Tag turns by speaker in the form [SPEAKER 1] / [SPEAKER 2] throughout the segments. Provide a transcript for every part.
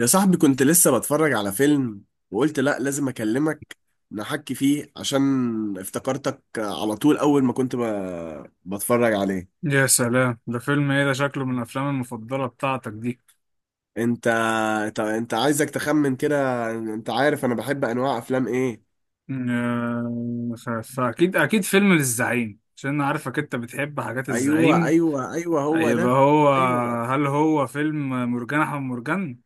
[SPEAKER 1] يا صاحبي، كنت لسه بتفرج على فيلم وقلت لا لازم اكلمك نحكي فيه عشان افتكرتك على طول اول ما كنت بتفرج عليه.
[SPEAKER 2] يا سلام، ده فيلم ايه ده؟ شكله من الافلام المفضله بتاعتك دي.
[SPEAKER 1] انت انت عايزك تخمن كده، انت عارف انا بحب انواع افلام ايه؟
[SPEAKER 2] آه، ف- فاكيد فيلم للزعيم عشان انا عارفك انت بتحب حاجات
[SPEAKER 1] ايوه،
[SPEAKER 2] الزعيم.
[SPEAKER 1] ايوه، ايوه، هو
[SPEAKER 2] يبقى
[SPEAKER 1] ده.
[SPEAKER 2] هو.
[SPEAKER 1] ايوه،
[SPEAKER 2] هل هو فيلم مرجان احمد مرجان؟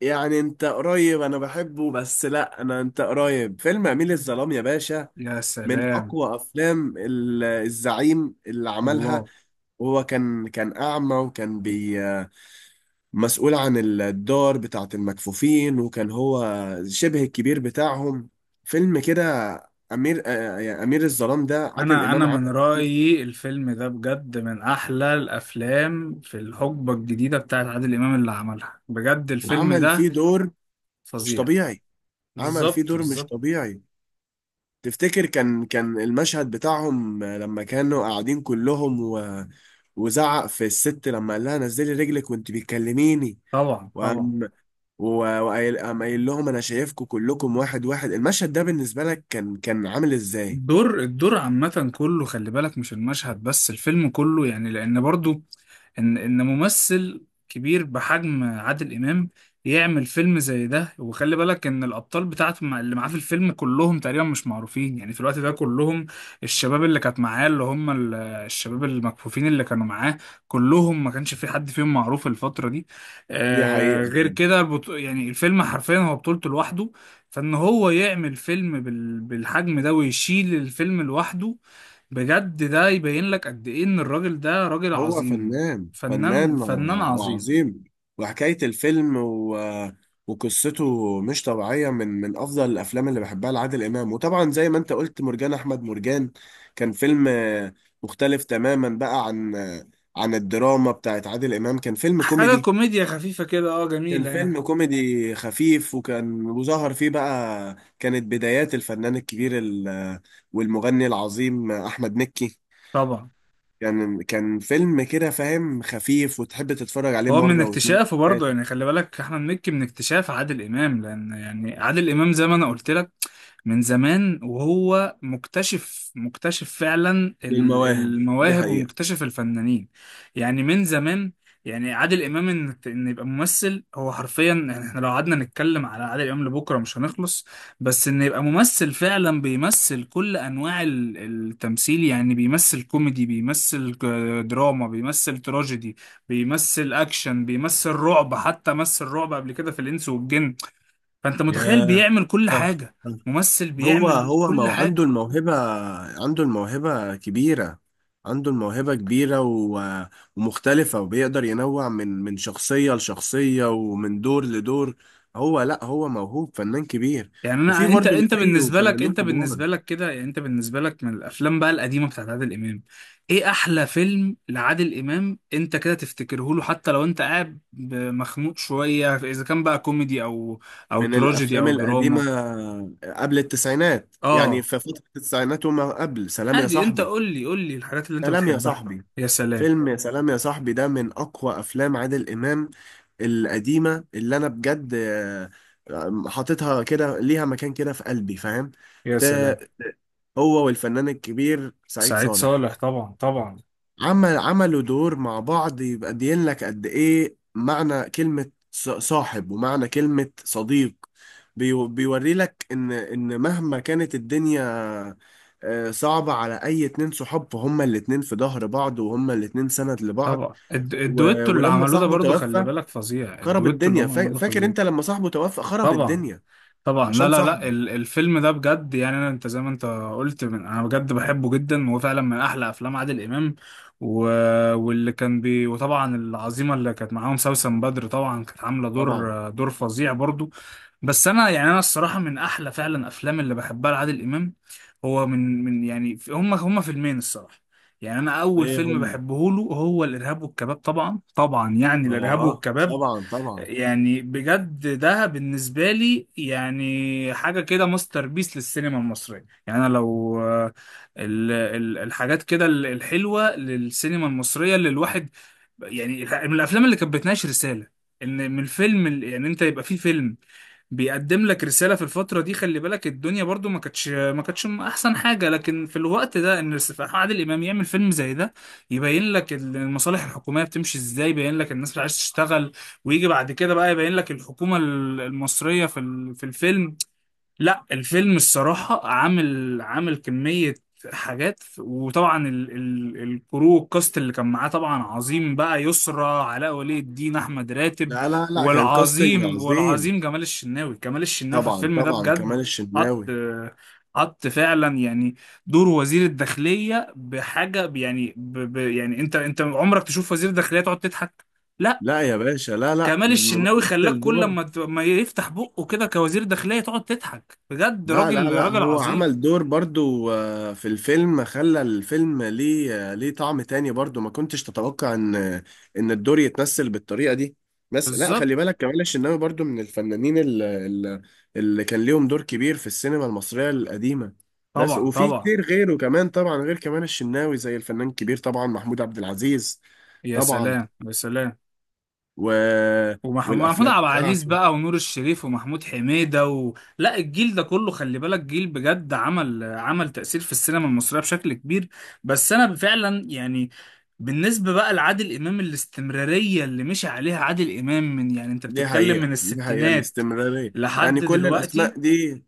[SPEAKER 1] يعني انت قريب، انا بحبه بس لا، انا انت قريب فيلم اميل الظلام يا باشا.
[SPEAKER 2] يا
[SPEAKER 1] من
[SPEAKER 2] سلام.
[SPEAKER 1] اقوى افلام الزعيم اللي عملها.
[SPEAKER 2] الله.
[SPEAKER 1] وهو كان اعمى وكان مسؤول عن الدار بتاعة المكفوفين، وكان هو شبه الكبير بتاعهم. فيلم كده. أمير آه، يعني أمير الظلام ده عادل
[SPEAKER 2] انا
[SPEAKER 1] إمام
[SPEAKER 2] من
[SPEAKER 1] عمل.
[SPEAKER 2] رايي الفيلم ده بجد من احلى الافلام في الحقبه الجديده بتاعت عادل امام اللي عملها، بجد الفيلم
[SPEAKER 1] عمل
[SPEAKER 2] ده
[SPEAKER 1] فيه دور مش
[SPEAKER 2] فظيع.
[SPEAKER 1] طبيعي، عمل فيه
[SPEAKER 2] بالظبط
[SPEAKER 1] دور مش
[SPEAKER 2] بالظبط.
[SPEAKER 1] طبيعي. تفتكر كان المشهد بتاعهم لما كانوا قاعدين كلهم وزعق في الست لما قال لها نزلي رجلك وانت بتكلميني.
[SPEAKER 2] طبعا طبعا.
[SPEAKER 1] وقام وقايل، قام قايل لهم انا شايفكم كلكم واحد واحد. المشهد ده بالنسبة لك كان عامل ازاي؟
[SPEAKER 2] الدور عامة كله، خلي بالك مش المشهد بس، الفيلم كله يعني، لأن برضو إن ممثل كبير بحجم عادل إمام يعمل فيلم زي ده، وخلي بالك إن الأبطال بتاعته اللي معاه في الفيلم كلهم تقريبا مش معروفين، يعني في الوقت ده كلهم الشباب اللي كانت معاه، اللي هم الشباب المكفوفين اللي كانوا معاه كلهم، ما كانش في حد فيهم معروف الفترة دي.
[SPEAKER 1] دي حقيقة.
[SPEAKER 2] غير كده، يعني الفيلم حرفيا هو بطولته لوحده. فان هو يعمل فيلم بالحجم ده ويشيل الفيلم لوحده، بجد ده يبين لك قد ايه ان الراجل ده راجل
[SPEAKER 1] هو
[SPEAKER 2] عظيم.
[SPEAKER 1] فنان،
[SPEAKER 2] فنان
[SPEAKER 1] فنان
[SPEAKER 2] فنان عظيم.
[SPEAKER 1] وعظيم. وحكاية الفيلم وقصته مش طبيعية، من أفضل الأفلام اللي بحبها لعادل إمام. وطبعا زي ما أنت قلت، مرجان أحمد مرجان كان فيلم مختلف تماما بقى عن عن الدراما بتاعت عادل إمام. كان فيلم
[SPEAKER 2] حاجة
[SPEAKER 1] كوميدي،
[SPEAKER 2] كوميديا خفيفة كده، اه
[SPEAKER 1] كان
[SPEAKER 2] جميلة يعني.
[SPEAKER 1] فيلم كوميدي خفيف. وظهر فيه بقى كانت بدايات الفنان الكبير والمغني العظيم أحمد مكي.
[SPEAKER 2] طبعا.
[SPEAKER 1] كان فيلم كده فاهم، خفيف وتحب تتفرج عليه
[SPEAKER 2] هو من
[SPEAKER 1] مرة واتنين
[SPEAKER 2] اكتشافه برضه،
[SPEAKER 1] وتلاتة.
[SPEAKER 2] يعني خلي بالك احمد مكي من اكتشاف عادل امام، لان يعني عادل امام زي ما انا قلت لك من زمان، وهو مكتشف فعلا
[SPEAKER 1] للمواهب. دي
[SPEAKER 2] المواهب
[SPEAKER 1] حقيقة.
[SPEAKER 2] ومكتشف الفنانين، يعني من زمان. يعني عادل امام ان يبقى ممثل، هو حرفيا يعني احنا لو قعدنا نتكلم على عادل امام لبكره مش هنخلص. بس ان يبقى ممثل فعلا بيمثل كل انواع التمثيل، يعني بيمثل كوميدي، بيمثل دراما، بيمثل تراجيدي، بيمثل اكشن، بيمثل رعب، حتى مثل رعب قبل كده في الانس والجن. فانت متخيل
[SPEAKER 1] ياه،
[SPEAKER 2] بيعمل كل
[SPEAKER 1] صح.
[SPEAKER 2] حاجه.
[SPEAKER 1] صح.
[SPEAKER 2] ممثل
[SPEAKER 1] هو
[SPEAKER 2] بيعمل
[SPEAKER 1] هو
[SPEAKER 2] كل
[SPEAKER 1] مو عنده
[SPEAKER 2] حاجه.
[SPEAKER 1] الموهبة، عنده الموهبة كبيرة، عنده الموهبة كبيرة ومختلفة، وبيقدر ينوع من شخصية لشخصية ومن دور لدور. هو لا، هو موهوب فنان كبير.
[SPEAKER 2] يعني
[SPEAKER 1] وفي
[SPEAKER 2] انا انت
[SPEAKER 1] برضه
[SPEAKER 2] انت
[SPEAKER 1] مثيه
[SPEAKER 2] بالنسبه لك
[SPEAKER 1] فنانين
[SPEAKER 2] انت
[SPEAKER 1] كبار.
[SPEAKER 2] بالنسبه لك كده، يعني انت بالنسبه لك من الافلام بقى القديمه بتاعت عادل امام، ايه احلى فيلم لعادل امام انت كده تفتكره له، حتى لو انت قاعد مخنوق شويه، اذا كان بقى كوميدي او
[SPEAKER 1] من
[SPEAKER 2] تراجيدي
[SPEAKER 1] الافلام
[SPEAKER 2] او
[SPEAKER 1] القديمه
[SPEAKER 2] دراما.
[SPEAKER 1] قبل التسعينات، يعني
[SPEAKER 2] اه
[SPEAKER 1] في فتره التسعينات وما قبل. سلام يا
[SPEAKER 2] عادي، انت
[SPEAKER 1] صاحبي.
[SPEAKER 2] قول لي الحاجات اللي انت
[SPEAKER 1] سلام يا
[SPEAKER 2] بتحبها.
[SPEAKER 1] صاحبي.
[SPEAKER 2] يا سلام
[SPEAKER 1] فيلم يا سلام يا صاحبي ده من اقوى افلام عادل امام القديمه اللي انا بجد حاططها كده ليها مكان كده في قلبي، فاهم.
[SPEAKER 2] يا سلام.
[SPEAKER 1] ت- هو والفنان الكبير سعيد
[SPEAKER 2] سعيد
[SPEAKER 1] صالح،
[SPEAKER 2] صالح طبعا طبعا.
[SPEAKER 1] عملوا دور مع بعض يبقى دين لك قد ايه معنى كلمة صاحب ومعنى كلمة صديق. بيوري لك ان مهما كانت الدنيا صعبة على اي اتنين صحاب، فهما الاتنين في ظهر بعض وهما الاتنين سند لبعض.
[SPEAKER 2] طبعا الدويتو اللي
[SPEAKER 1] ولما
[SPEAKER 2] عملوه ده
[SPEAKER 1] صاحبه
[SPEAKER 2] برضو خلي
[SPEAKER 1] توفى
[SPEAKER 2] بالك فظيع،
[SPEAKER 1] خرب
[SPEAKER 2] الدويتو اللي
[SPEAKER 1] الدنيا.
[SPEAKER 2] هم عملوه ده
[SPEAKER 1] فاكر
[SPEAKER 2] فظيع.
[SPEAKER 1] انت لما صاحبه توفى خرب
[SPEAKER 2] طبعا
[SPEAKER 1] الدنيا
[SPEAKER 2] طبعا. لا
[SPEAKER 1] عشان
[SPEAKER 2] لا لا،
[SPEAKER 1] صاحبه.
[SPEAKER 2] الفيلم ده بجد، يعني انا انت زي ما انت قلت من، انا بجد بحبه جدا وهو فعلا من احلى افلام عادل امام. و... واللي كان بي، وطبعا العظيمه اللي كانت معاهم سوسن بدر طبعا، كانت عامله
[SPEAKER 1] طبعا.
[SPEAKER 2] دور فظيع برضو. بس انا يعني انا الصراحه من احلى فعلا افلام اللي بحبها لعادل امام. هو من يعني هم فيلمين الصراحه. يعني انا اول
[SPEAKER 1] ايه
[SPEAKER 2] فيلم
[SPEAKER 1] هم؟
[SPEAKER 2] بحبه له هو الارهاب والكباب، طبعا طبعا، يعني الارهاب
[SPEAKER 1] اه،
[SPEAKER 2] والكباب.
[SPEAKER 1] طبعا، طبعا.
[SPEAKER 2] يعني بجد ده بالنسبة لي يعني حاجة كده ماستر بيس للسينما المصرية، يعني أنا لو الحاجات كده الحلوة للسينما المصرية اللي الواحد، يعني من الافلام اللي كانت بتناقش رساله، ان من الفيلم يعني انت يبقى في فيلم بيقدم لك رساله في الفتره دي، خلي بالك الدنيا برضو ما كانتش احسن حاجه، لكن في الوقت ده ان عادل امام يعمل فيلم زي ده يبين لك المصالح الحكوميه بتمشي ازاي، يبين لك الناس مش عايزه تشتغل، ويجي بعد كده بقى يبين لك الحكومه المصريه في في الفيلم. لا الفيلم الصراحة عامل كمية حاجات. وطبعا ال ال الكاست اللي كان معاه طبعا عظيم بقى، يسرى، علاء ولي الدين، أحمد راتب،
[SPEAKER 1] لا، لا، لا، كان كاستنج عظيم.
[SPEAKER 2] والعظيم جمال الشناوي، جمال الشناوي في
[SPEAKER 1] طبعا،
[SPEAKER 2] الفيلم ده
[SPEAKER 1] طبعا، كمال
[SPEAKER 2] بجد حط
[SPEAKER 1] الشناوي.
[SPEAKER 2] حط فعلا يعني دور وزير الداخلية بحاجة يعني ب يعني انت عمرك تشوف وزير الداخلية تقعد تضحك؟ لا.
[SPEAKER 1] لا يا باشا، لا، لا،
[SPEAKER 2] كمال الشناوي خلاك
[SPEAKER 1] ممثل
[SPEAKER 2] كل
[SPEAKER 1] دور.
[SPEAKER 2] ما ما يفتح بقه كده كوزير داخلية تقعد تضحك، بجد
[SPEAKER 1] لا، لا،
[SPEAKER 2] راجل
[SPEAKER 1] لا،
[SPEAKER 2] راجل
[SPEAKER 1] هو
[SPEAKER 2] عظيم.
[SPEAKER 1] عمل دور برضو في الفيلم، خلى الفيلم ليه ليه طعم تاني برضو، ما كنتش تتوقع ان الدور يتمثل بالطريقة دي. بس لا،
[SPEAKER 2] بالظبط.
[SPEAKER 1] خلي بالك كمال الشناوي برضو من الفنانين اللي كان ليهم دور كبير في السينما المصرية القديمة. بس
[SPEAKER 2] طبعا
[SPEAKER 1] وفي
[SPEAKER 2] طبعا.
[SPEAKER 1] كتير غيره كمان طبعا، غير كمال الشناوي، زي الفنان الكبير طبعا محمود عبد العزيز.
[SPEAKER 2] يا
[SPEAKER 1] طبعا
[SPEAKER 2] سلام يا سلام.
[SPEAKER 1] و...
[SPEAKER 2] ومحمود عبد
[SPEAKER 1] والافلام
[SPEAKER 2] العزيز
[SPEAKER 1] بتاعته.
[SPEAKER 2] بقى، ونور الشريف، ومحمود حميدة، لا، الجيل ده كله خلي بالك جيل بجد، عمل تأثير في السينما المصرية بشكل كبير. بس أنا فعلا يعني بالنسبة بقى لعادل إمام، الاستمرارية اللي مشي عليها عادل إمام من، يعني أنت
[SPEAKER 1] دي
[SPEAKER 2] بتتكلم من
[SPEAKER 1] حقيقة، دي حقيقة
[SPEAKER 2] الستينات
[SPEAKER 1] الاستمرارية. يعني
[SPEAKER 2] لحد
[SPEAKER 1] كل
[SPEAKER 2] دلوقتي.
[SPEAKER 1] الاسماء دي،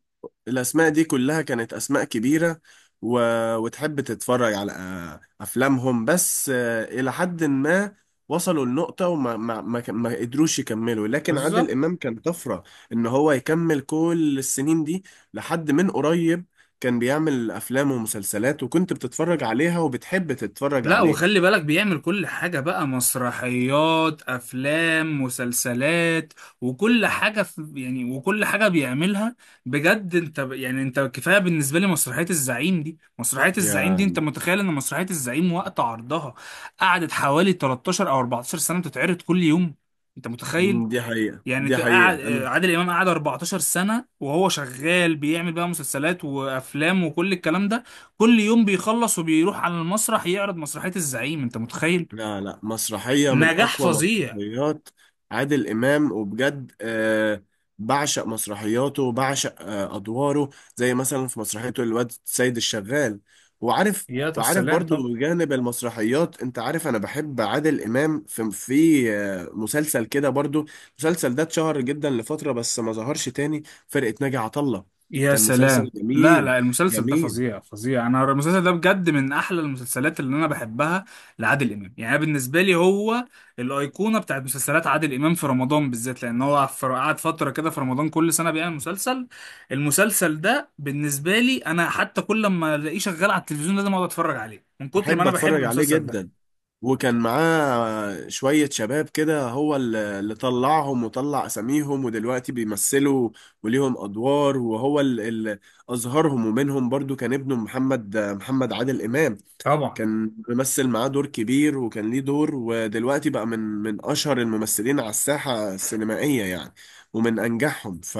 [SPEAKER 1] الاسماء دي كلها كانت اسماء كبيرة و... وتحب تتفرج على افلامهم بس الى حد ما وصلوا لنقطة وما ما ما, ك- ما قدروش يكملوا، لكن عادل
[SPEAKER 2] بالظبط.
[SPEAKER 1] امام كان طفرة، ان هو يكمل كل السنين دي لحد من قريب. كان بيعمل افلام ومسلسلات وكنت بتتفرج عليها وبتحب تتفرج
[SPEAKER 2] لا
[SPEAKER 1] عليه.
[SPEAKER 2] وخلي بالك بيعمل كل حاجة بقى، مسرحيات، أفلام، مسلسلات، وكل حاجة في يعني، وكل حاجة بيعملها بجد. أنت يعني أنت كفاية بالنسبة لي مسرحية الزعيم دي، مسرحية الزعيم دي أنت
[SPEAKER 1] يا.
[SPEAKER 2] متخيل إن مسرحية الزعيم وقت عرضها قعدت حوالي 13 أو 14 سنة بتتعرض كل يوم، أنت متخيل؟
[SPEAKER 1] دي حقيقة،
[SPEAKER 2] يعني
[SPEAKER 1] دي حقيقة.
[SPEAKER 2] قعد
[SPEAKER 1] أنا
[SPEAKER 2] عادل امام، قعد 14 سنه وهو شغال بيعمل بقى مسلسلات وافلام وكل الكلام ده، كل يوم بيخلص وبيروح على المسرح يعرض مسرحيه الزعيم، انت متخيل؟
[SPEAKER 1] لا، لا، مسرحية من
[SPEAKER 2] نجاح
[SPEAKER 1] أقوى
[SPEAKER 2] فظيع.
[SPEAKER 1] مسرحيات عادل إمام وبجد بعشق مسرحياته وبعشق أدواره، زي مثلا في مسرحيته الواد سيد الشغال. وعارف
[SPEAKER 2] يا
[SPEAKER 1] وعارف
[SPEAKER 2] سلام
[SPEAKER 1] برضو
[SPEAKER 2] طبعا.
[SPEAKER 1] بجانب المسرحيات، أنت عارف أنا بحب عادل إمام في مسلسل كده برضو. المسلسل ده اتشهر جدا لفترة بس ما ظهرش تاني، فرقة ناجي عطا الله.
[SPEAKER 2] يا
[SPEAKER 1] كان مسلسل
[SPEAKER 2] سلام، لا
[SPEAKER 1] جميل،
[SPEAKER 2] لا المسلسل ده
[SPEAKER 1] جميل.
[SPEAKER 2] فظيع فظيع، انا المسلسل ده بجد من احلى المسلسلات اللي انا بحبها لعادل امام، يعني أنا بالنسبه لي هو الايقونه بتاعت مسلسلات عادل امام في رمضان بالذات، لان هو قعد فتره كده في رمضان كل سنه بيعمل مسلسل، المسلسل ده بالنسبه لي انا حتى كل ما الاقيه شغال على التلفزيون لازم اقعد اتفرج عليه من كتر ما
[SPEAKER 1] بحب
[SPEAKER 2] انا بحب
[SPEAKER 1] أتفرج عليه
[SPEAKER 2] المسلسل
[SPEAKER 1] جدا.
[SPEAKER 2] ده.
[SPEAKER 1] وكان معاه شوية شباب كده هو اللي طلعهم وطلع أساميهم ودلوقتي بيمثلوا وليهم أدوار، وهو اللي أظهرهم. ومنهم برضو كان ابنه محمد عادل إمام.
[SPEAKER 2] طبعا.
[SPEAKER 1] كان ممثل معاه دور كبير وكان ليه دور، ودلوقتي بقى من أشهر الممثلين على الساحة السينمائية يعني، ومن أنجحهم. ف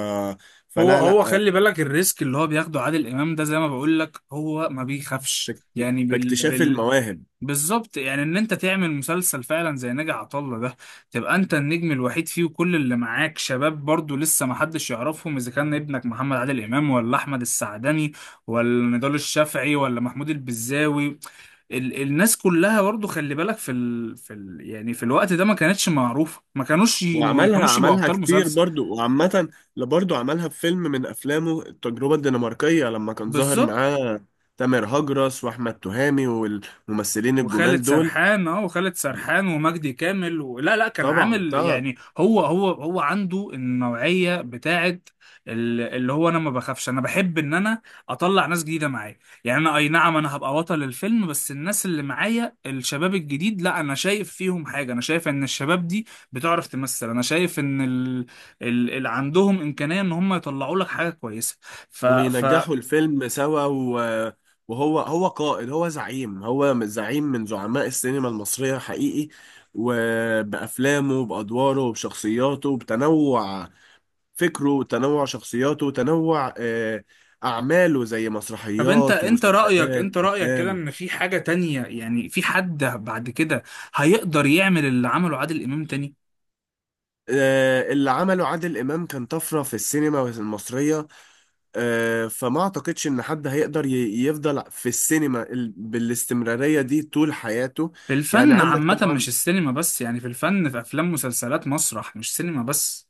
[SPEAKER 2] هو
[SPEAKER 1] فلا
[SPEAKER 2] هو
[SPEAKER 1] لا
[SPEAKER 2] خلي بالك الريسك اللي هو بياخده عادل امام ده زي ما بقول لك هو ما بيخافش،
[SPEAKER 1] فاكت-
[SPEAKER 2] يعني
[SPEAKER 1] فاكتشاف المواهب.
[SPEAKER 2] بالظبط، يعني ان انت تعمل مسلسل فعلا زي ناجي عطا الله ده، تبقى انت النجم الوحيد فيه وكل اللي معاك شباب برضو لسه ما حدش يعرفهم، اذا كان ابنك محمد عادل امام، ولا احمد السعدني، ولا نضال الشافعي، ولا محمود البزاوي، الناس كلها برضو خلي بالك في ال في ال يعني في الوقت ده ما كانتش معروفة، ما كانوش يبقوا
[SPEAKER 1] عملها
[SPEAKER 2] ابطال
[SPEAKER 1] كتير
[SPEAKER 2] مسلسل.
[SPEAKER 1] برضو وعامة. لا برضو عملها في فيلم من أفلامه، التجربة الدنماركية، لما كان ظاهر
[SPEAKER 2] بالظبط.
[SPEAKER 1] معاه تامر هجرس وأحمد تهامي والممثلين الجمال دول.
[SPEAKER 2] وخالد سرحان ومجدي كامل لا لا كان
[SPEAKER 1] طبعا،
[SPEAKER 2] عامل
[SPEAKER 1] طبعا.
[SPEAKER 2] يعني هو عنده النوعية بتاعت اللي هو انا ما بخافش، انا بحب ان انا اطلع ناس جديدة معايا. يعني انا اي نعم انا هبقى بطل الفيلم بس الناس اللي معايا الشباب الجديد، لا انا شايف فيهم حاجة، انا شايف ان الشباب دي بتعرف تمثل، انا شايف ان اللي عندهم امكانية ان هم يطلعوا لك حاجة كويسة. ف... ف...
[SPEAKER 1] وبينجحوا الفيلم سوا. وهو هو قائد، هو زعيم، هو زعيم من زعماء السينما المصرية حقيقي، وبأفلامه وبأدواره وبشخصياته وبتنوع فكره وتنوع شخصياته وتنوع أعماله زي
[SPEAKER 2] طب انت
[SPEAKER 1] مسرحيات
[SPEAKER 2] انت رأيك،
[SPEAKER 1] ومسلسلات
[SPEAKER 2] انت رأيك كده
[SPEAKER 1] وأفلام.
[SPEAKER 2] ان في حاجة تانية، يعني في حد بعد كده هيقدر يعمل اللي عمله عادل امام تاني؟
[SPEAKER 1] اللي عمله عادل إمام كان طفرة في السينما المصرية. فما أعتقدش إن حد هيقدر يفضل في السينما بالاستمرارية دي طول حياته.
[SPEAKER 2] في
[SPEAKER 1] يعني
[SPEAKER 2] الفن
[SPEAKER 1] عندك
[SPEAKER 2] عامة مش
[SPEAKER 1] طبعا،
[SPEAKER 2] السينما بس، يعني في الفن، في افلام، مسلسلات، مسرح، مش سينما بس.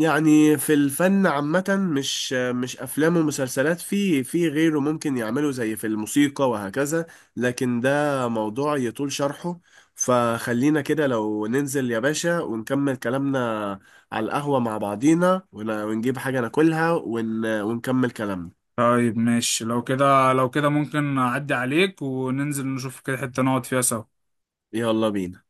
[SPEAKER 1] يعني في الفن عامة، مش أفلام ومسلسلات، في غيره ممكن يعملوا زي في الموسيقى وهكذا، لكن ده موضوع يطول شرحه. فخلينا كده لو ننزل يا باشا ونكمل كلامنا على القهوة مع بعضينا ونجيب حاجة ناكلها ونكمل كلامنا.
[SPEAKER 2] طيب ماشي، لو كده لو كده ممكن اعدي عليك وننزل نشوف كده حتة نقعد فيها سوا.
[SPEAKER 1] يلا بينا.